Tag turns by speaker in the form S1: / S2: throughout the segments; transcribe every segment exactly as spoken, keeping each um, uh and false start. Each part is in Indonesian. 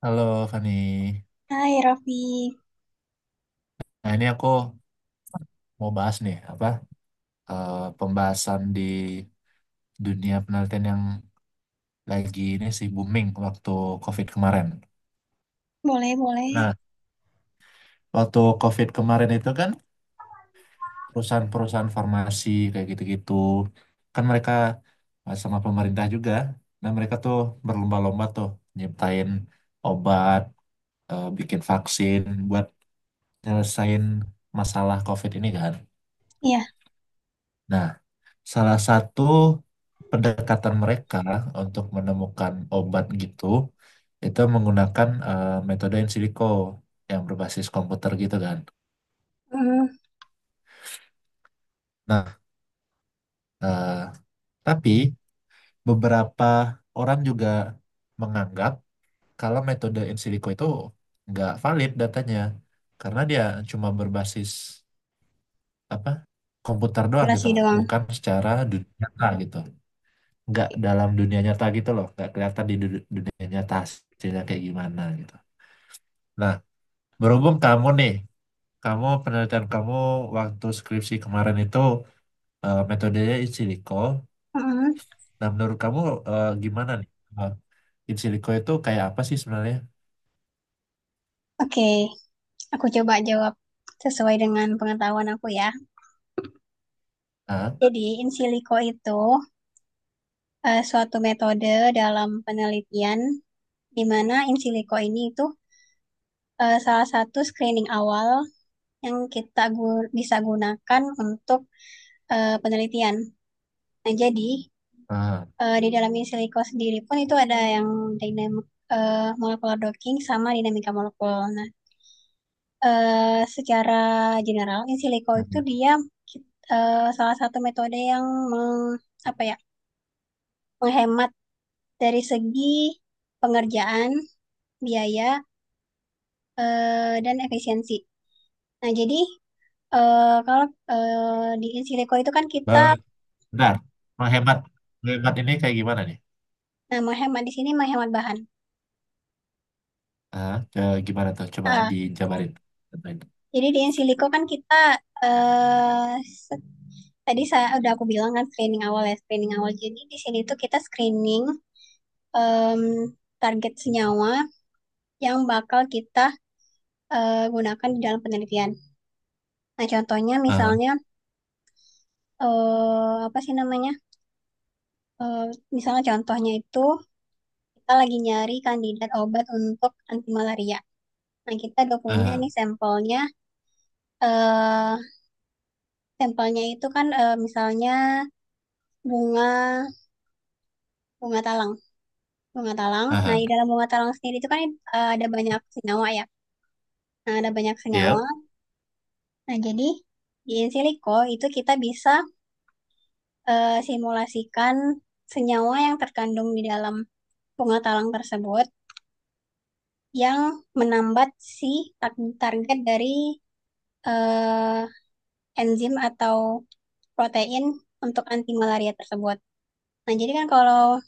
S1: Halo Fani.
S2: Hai Raffi,
S1: Nah ini aku mau bahas nih apa eh, pembahasan di dunia penelitian yang lagi ini sih booming waktu COVID kemarin.
S2: boleh boleh.
S1: Nah waktu COVID kemarin itu kan perusahaan-perusahaan farmasi kayak gitu-gitu kan mereka, eh, sama pemerintah juga. Nah mereka tuh berlomba-lomba tuh nyiptain obat, eh, bikin vaksin buat nyelesain masalah COVID ini kan.
S2: Iya,
S1: Nah, salah satu pendekatan mereka untuk menemukan obat gitu, itu menggunakan eh, metode in silico yang berbasis komputer gitu kan.
S2: mm,
S1: Nah, eh, tapi beberapa orang juga menganggap kalau metode in silico itu nggak valid datanya, karena dia cuma berbasis apa komputer doang gitu
S2: durasi
S1: loh,
S2: doang.
S1: bukan secara dunia nyata gitu. Nggak dalam dunia nyata gitu loh, nggak kelihatan di du- dunia nyata hasilnya kayak gimana gitu. Nah, berhubung kamu nih, kamu, penelitian kamu waktu skripsi kemarin itu eh, metodenya in silico.
S2: Mm.
S1: Nah, menurut kamu eh, gimana nih? Eh, In silico itu kayak apa sih sebenarnya?
S2: Oke, aku coba jawab sesuai dengan pengetahuan aku ya.
S1: Ah,
S2: Jadi, in silico itu eh, suatu metode dalam penelitian di mana in silico ini itu eh, salah satu screening awal yang kita gu- bisa gunakan untuk eh, penelitian. Nah, jadi
S1: ah,
S2: eh, di dalam in silico sendiri pun itu ada yang dinamik eh, molecular docking sama dinamika molekul. Nah, eh secara general in silico itu
S1: ah.
S2: dia eh, salah satu metode yang meng, apa ya, menghemat dari segi pengerjaan, biaya, eh, dan efisiensi. Nah, jadi eh, kalau eh, di in silico itu kan kita,
S1: Ba- Bentar, menghemat, menghemat ini kayak gimana nih?
S2: nah, menghemat di sini menghemat bahan.
S1: Ah, eh, gimana tuh, coba
S2: Ah,
S1: dijabarin.
S2: jadi di in silico kan kita eh se- tadi saya udah aku bilang kan screening awal ya, screening awal. Jadi di sini tuh kita screening em, target senyawa yang bakal kita eh, gunakan di dalam penelitian. Nah, contohnya
S1: Ah,
S2: misalnya, eh, apa sih namanya? Eh, Misalnya contohnya itu kita lagi nyari kandidat obat untuk anti malaria. Nah, kita udah punya
S1: ah,
S2: nih sampelnya. eh Sampelnya itu kan eh, misalnya bunga bunga talang, bunga talang. Nah,
S1: ah,
S2: di
S1: ah.
S2: dalam bunga talang sendiri itu kan eh, ada banyak senyawa ya. Nah, ada banyak senyawa.
S1: Yep.
S2: Nah, jadi di in silico itu kita bisa eh, simulasikan senyawa yang terkandung di dalam bunga talang tersebut yang menambat si tar- target dari eh, enzim atau protein untuk anti malaria tersebut. Nah, jadi kan kalau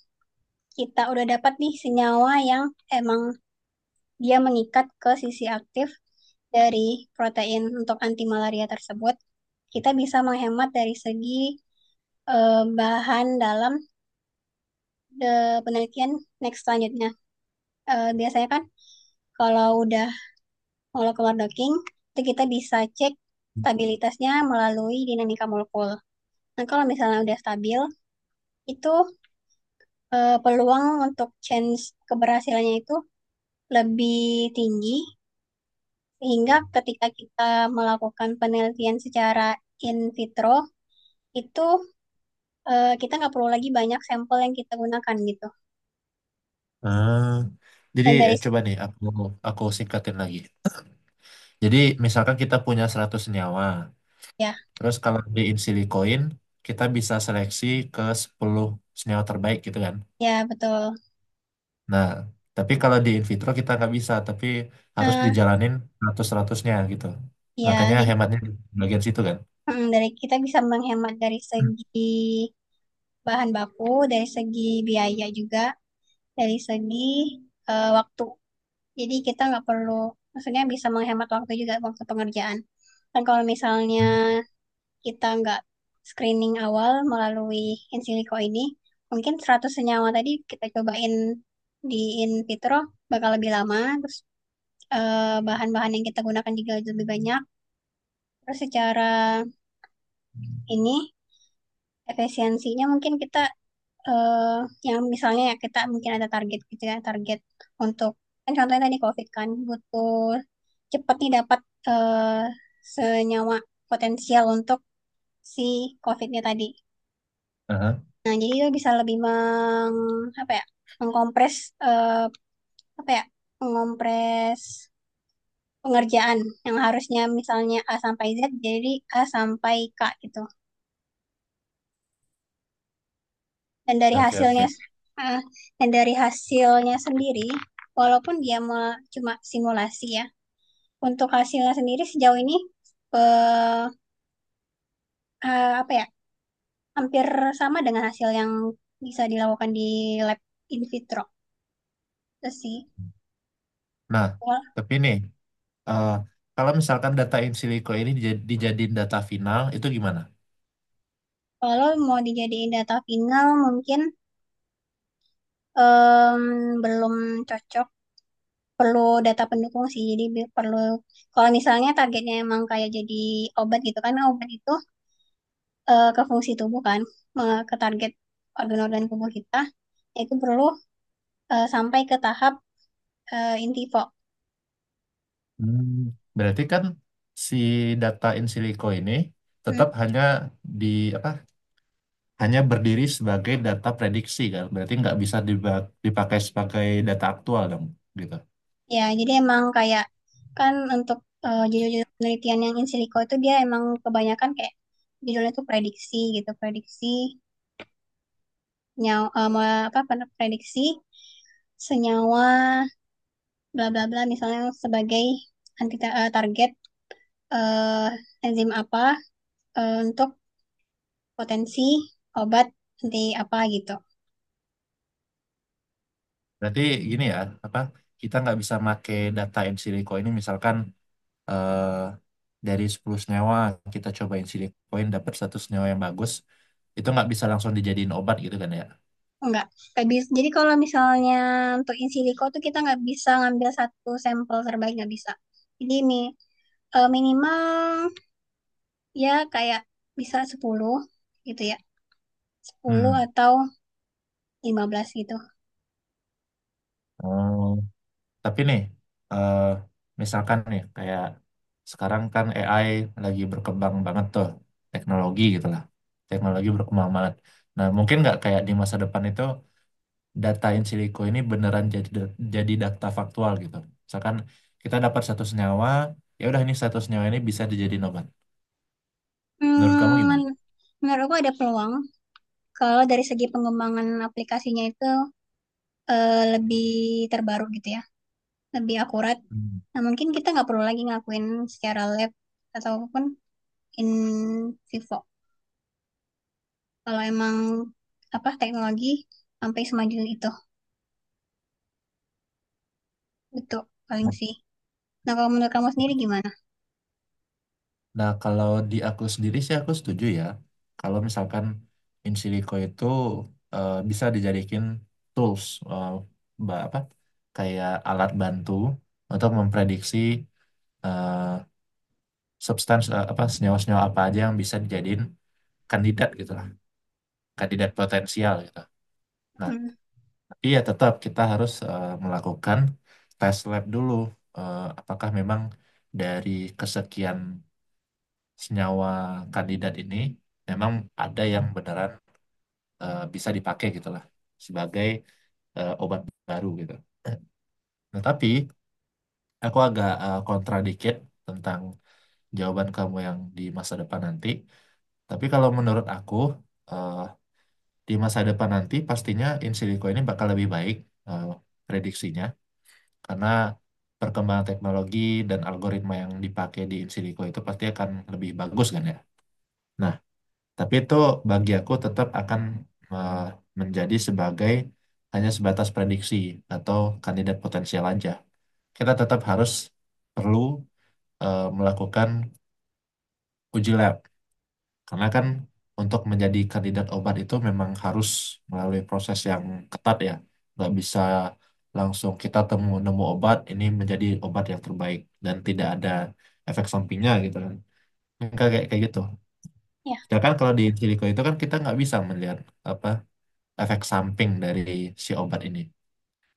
S2: kita udah dapat nih senyawa yang emang dia mengikat ke sisi aktif dari protein untuk anti malaria tersebut, kita bisa menghemat dari segi eh, bahan dalam eh, penelitian next selanjutnya. Eh, biasanya kan kalau udah molekul keluar docking, itu kita bisa cek stabilitasnya melalui dinamika molekul. Nah, kalau misalnya udah stabil, itu eh, peluang untuk chance keberhasilannya itu lebih tinggi, sehingga ketika kita melakukan penelitian secara in vitro, itu eh, kita nggak perlu lagi banyak sampel yang kita gunakan gitu.
S1: Ah, jadi,
S2: Dan dari,
S1: eh, coba nih aku aku singkatin lagi. Jadi misalkan kita punya seratus nyawa,
S2: ya,
S1: terus kalau diin silikoin kita bisa seleksi ke sepuluh senyawa terbaik gitu kan.
S2: ya betul.
S1: Nah, tapi kalau di in vitro kita nggak bisa, tapi harus
S2: Nah,
S1: dijalanin seratus, seratus gitu.
S2: ya
S1: Makanya
S2: jadi
S1: hematnya di bagian situ kan.
S2: mm, dari kita bisa menghemat dari segi bahan baku, dari segi biaya juga, dari segi eh, waktu. Jadi kita nggak perlu, maksudnya bisa menghemat waktu juga, waktu pengerjaan. Dan kalau misalnya
S1: Hmm.
S2: kita nggak screening awal melalui in silico ini, mungkin seratus senyawa tadi kita cobain di in vitro bakal lebih lama, terus eh, bahan-bahan yang kita gunakan juga lebih banyak. Terus secara ini efisiensinya mungkin kita, eh yang misalnya, ya, kita mungkin ada target gitu ya, target untuk, kan contohnya tadi COVID kan butuh cepat nih dapat eh senyawa potensial untuk si COVID-nya tadi.
S1: Aha.
S2: Nah, jadi itu bisa lebih meng apa ya? Mengkompres, eh apa ya, mengompres pengerjaan yang harusnya misalnya A sampai Z jadi A sampai K gitu. dan dari
S1: Oke,
S2: hasilnya
S1: oke.
S2: eh, dan dari hasilnya sendiri, walaupun dia me- cuma simulasi ya, untuk hasilnya sendiri sejauh ini eh, eh, apa ya, hampir sama dengan hasil yang bisa dilakukan di lab in vitro itu sih.
S1: Nah,
S2: Wal-
S1: tapi nih, eh, kalau misalkan data in silico ini dijad- dijadiin data final, itu gimana?
S2: Kalau mau dijadiin data final mungkin em, belum cocok, perlu data pendukung sih, jadi bi- perlu kalau misalnya targetnya emang kayak jadi obat. Gitu kan, obat itu eh, ke fungsi tubuh kan, me- ke target organ-organ tubuh kita, itu perlu eh, sampai ke tahap eh, in vivo.
S1: Hmm. Berarti kan si data in silico ini
S2: Hmm.
S1: tetap hanya di apa? Hanya berdiri sebagai data prediksi kan? Berarti nggak bisa diba- dipakai sebagai data aktual dong, gitu.
S2: Ya, jadi emang kayak, kan untuk eh, judul-judul penelitian yang in silico itu dia emang kebanyakan kayak judulnya tuh prediksi gitu. Prediksi nyawa, eh, me- apa, pen- prediksi senyawa bla bla bla, misalnya sebagai anti, eh, target, eh, enzim apa eh, untuk potensi obat anti apa gitu.
S1: Berarti gini ya, apa? Kita nggak bisa pakai data in silico ini, misalkan eh, dari sepuluh senyawa kita cobain silicoin dapat satu senyawa yang bagus, itu nggak bisa langsung dijadiin obat gitu kan ya?
S2: Enggak. Nggak bisa. Jadi kalau misalnya untuk in silico tuh kita nggak bisa ngambil satu sampel terbaik, nggak bisa. Jadi mi- eh, minimal ya kayak bisa sepuluh gitu ya. Sepuluh atau lima belas gitu.
S1: Hmm. Tapi nih, eh, misalkan nih, kayak sekarang kan A I lagi berkembang banget tuh, teknologi gitu lah. Teknologi berkembang banget. Nah, mungkin nggak kayak di masa depan itu, data in silico ini beneran jadi jadi data faktual gitu. Misalkan kita dapat satu senyawa, ya udah, ini satu senyawa ini bisa dijadiin obat. Menurut kamu
S2: Hmm,
S1: gimana?
S2: men- Menurutku ada peluang kalau dari segi pengembangan aplikasinya itu eh, lebih terbaru gitu ya. Lebih akurat.
S1: Hmm.
S2: Nah, mungkin kita nggak perlu lagi ngakuin secara lab ataupun in vivo. Kalau emang apa, teknologi sampai semaju itu, betul, paling sih. Nah, kalau menurut kamu sendiri gimana?
S1: Nah, kalau di aku sendiri sih aku setuju ya. Kalau misalkan in silico itu eh, bisa dijadikan tools, eh, ba- apa, kayak alat bantu untuk memprediksi, eh, substans eh, apa, senyawa-senyawa apa aja yang bisa dijadiin kandidat gitu lah, kandidat potensial gitu. Nah,
S2: hmm,
S1: tapi ya tetap kita harus eh, melakukan tes lab dulu, eh, apakah memang dari kesekian senyawa kandidat ini memang ada yang beneran eh, bisa dipakai gitu lah, sebagai eh, obat baru gitu. Nah, tapi aku agak eh, kontra dikit tentang jawaban kamu yang di masa depan nanti. Tapi kalau menurut aku, eh, di masa depan nanti pastinya in silico ini bakal lebih baik eh, prediksinya, karena perkembangan teknologi dan algoritma yang dipakai di in silico itu pasti akan lebih bagus kan ya. Tapi itu bagi aku tetap akan eh, menjadi sebagai, hanya sebatas prediksi atau kandidat potensial aja. Kita tetap harus perlu eh, melakukan uji lab, karena kan untuk menjadi kandidat obat itu memang harus melalui proses yang ketat ya. Nggak bisa langsung kita temu nemu obat ini menjadi obat yang terbaik dan tidak ada efek sampingnya gitu kan. Kayak kayak kayak gitu.
S2: Ya,
S1: Sedangkan kalau di in silico itu kan kita nggak bisa melihat apa efek samping dari si obat ini.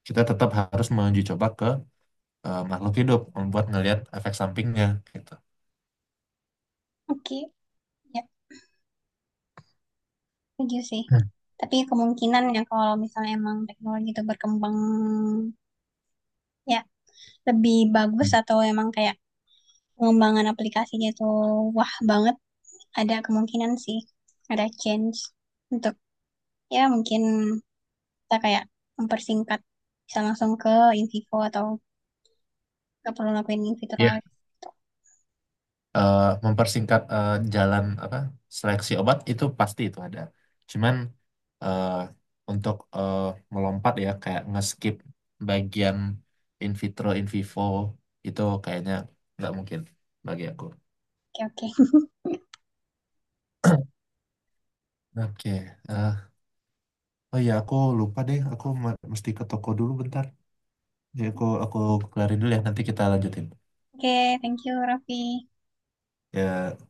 S1: Kita tetap harus menguji coba ke eh, makhluk hidup, membuat ngelihat efek sampingnya gitu.
S2: oke, ya, setuju sih,
S1: Hmm,
S2: tapi kemungkinan ya, kalau misalnya emang teknologi itu berkembang ya lebih bagus,
S1: hmm.
S2: atau emang kayak pengembangan aplikasinya itu wah banget, ada kemungkinan sih ada change untuk, ya mungkin kita kayak mempersingkat, bisa langsung ke in vivo atau nggak perlu lakuin in vitro
S1: Ya,
S2: lagi. Gitu.
S1: Eh, mempersingkat, eh, jalan apa, seleksi obat itu pasti itu ada. Cuman eh, untuk eh, melompat ya, kayak nge-skip bagian in vitro, in vivo, itu kayaknya nggak mungkin bagi aku.
S2: Oke, oke.
S1: Oke, eh, oh ya, aku lupa deh, aku ma- mesti ke toko dulu bentar. Jadi aku aku kelarin dulu ya, nanti kita lanjutin.
S2: Oke, thank you, Raffi.
S1: Ya,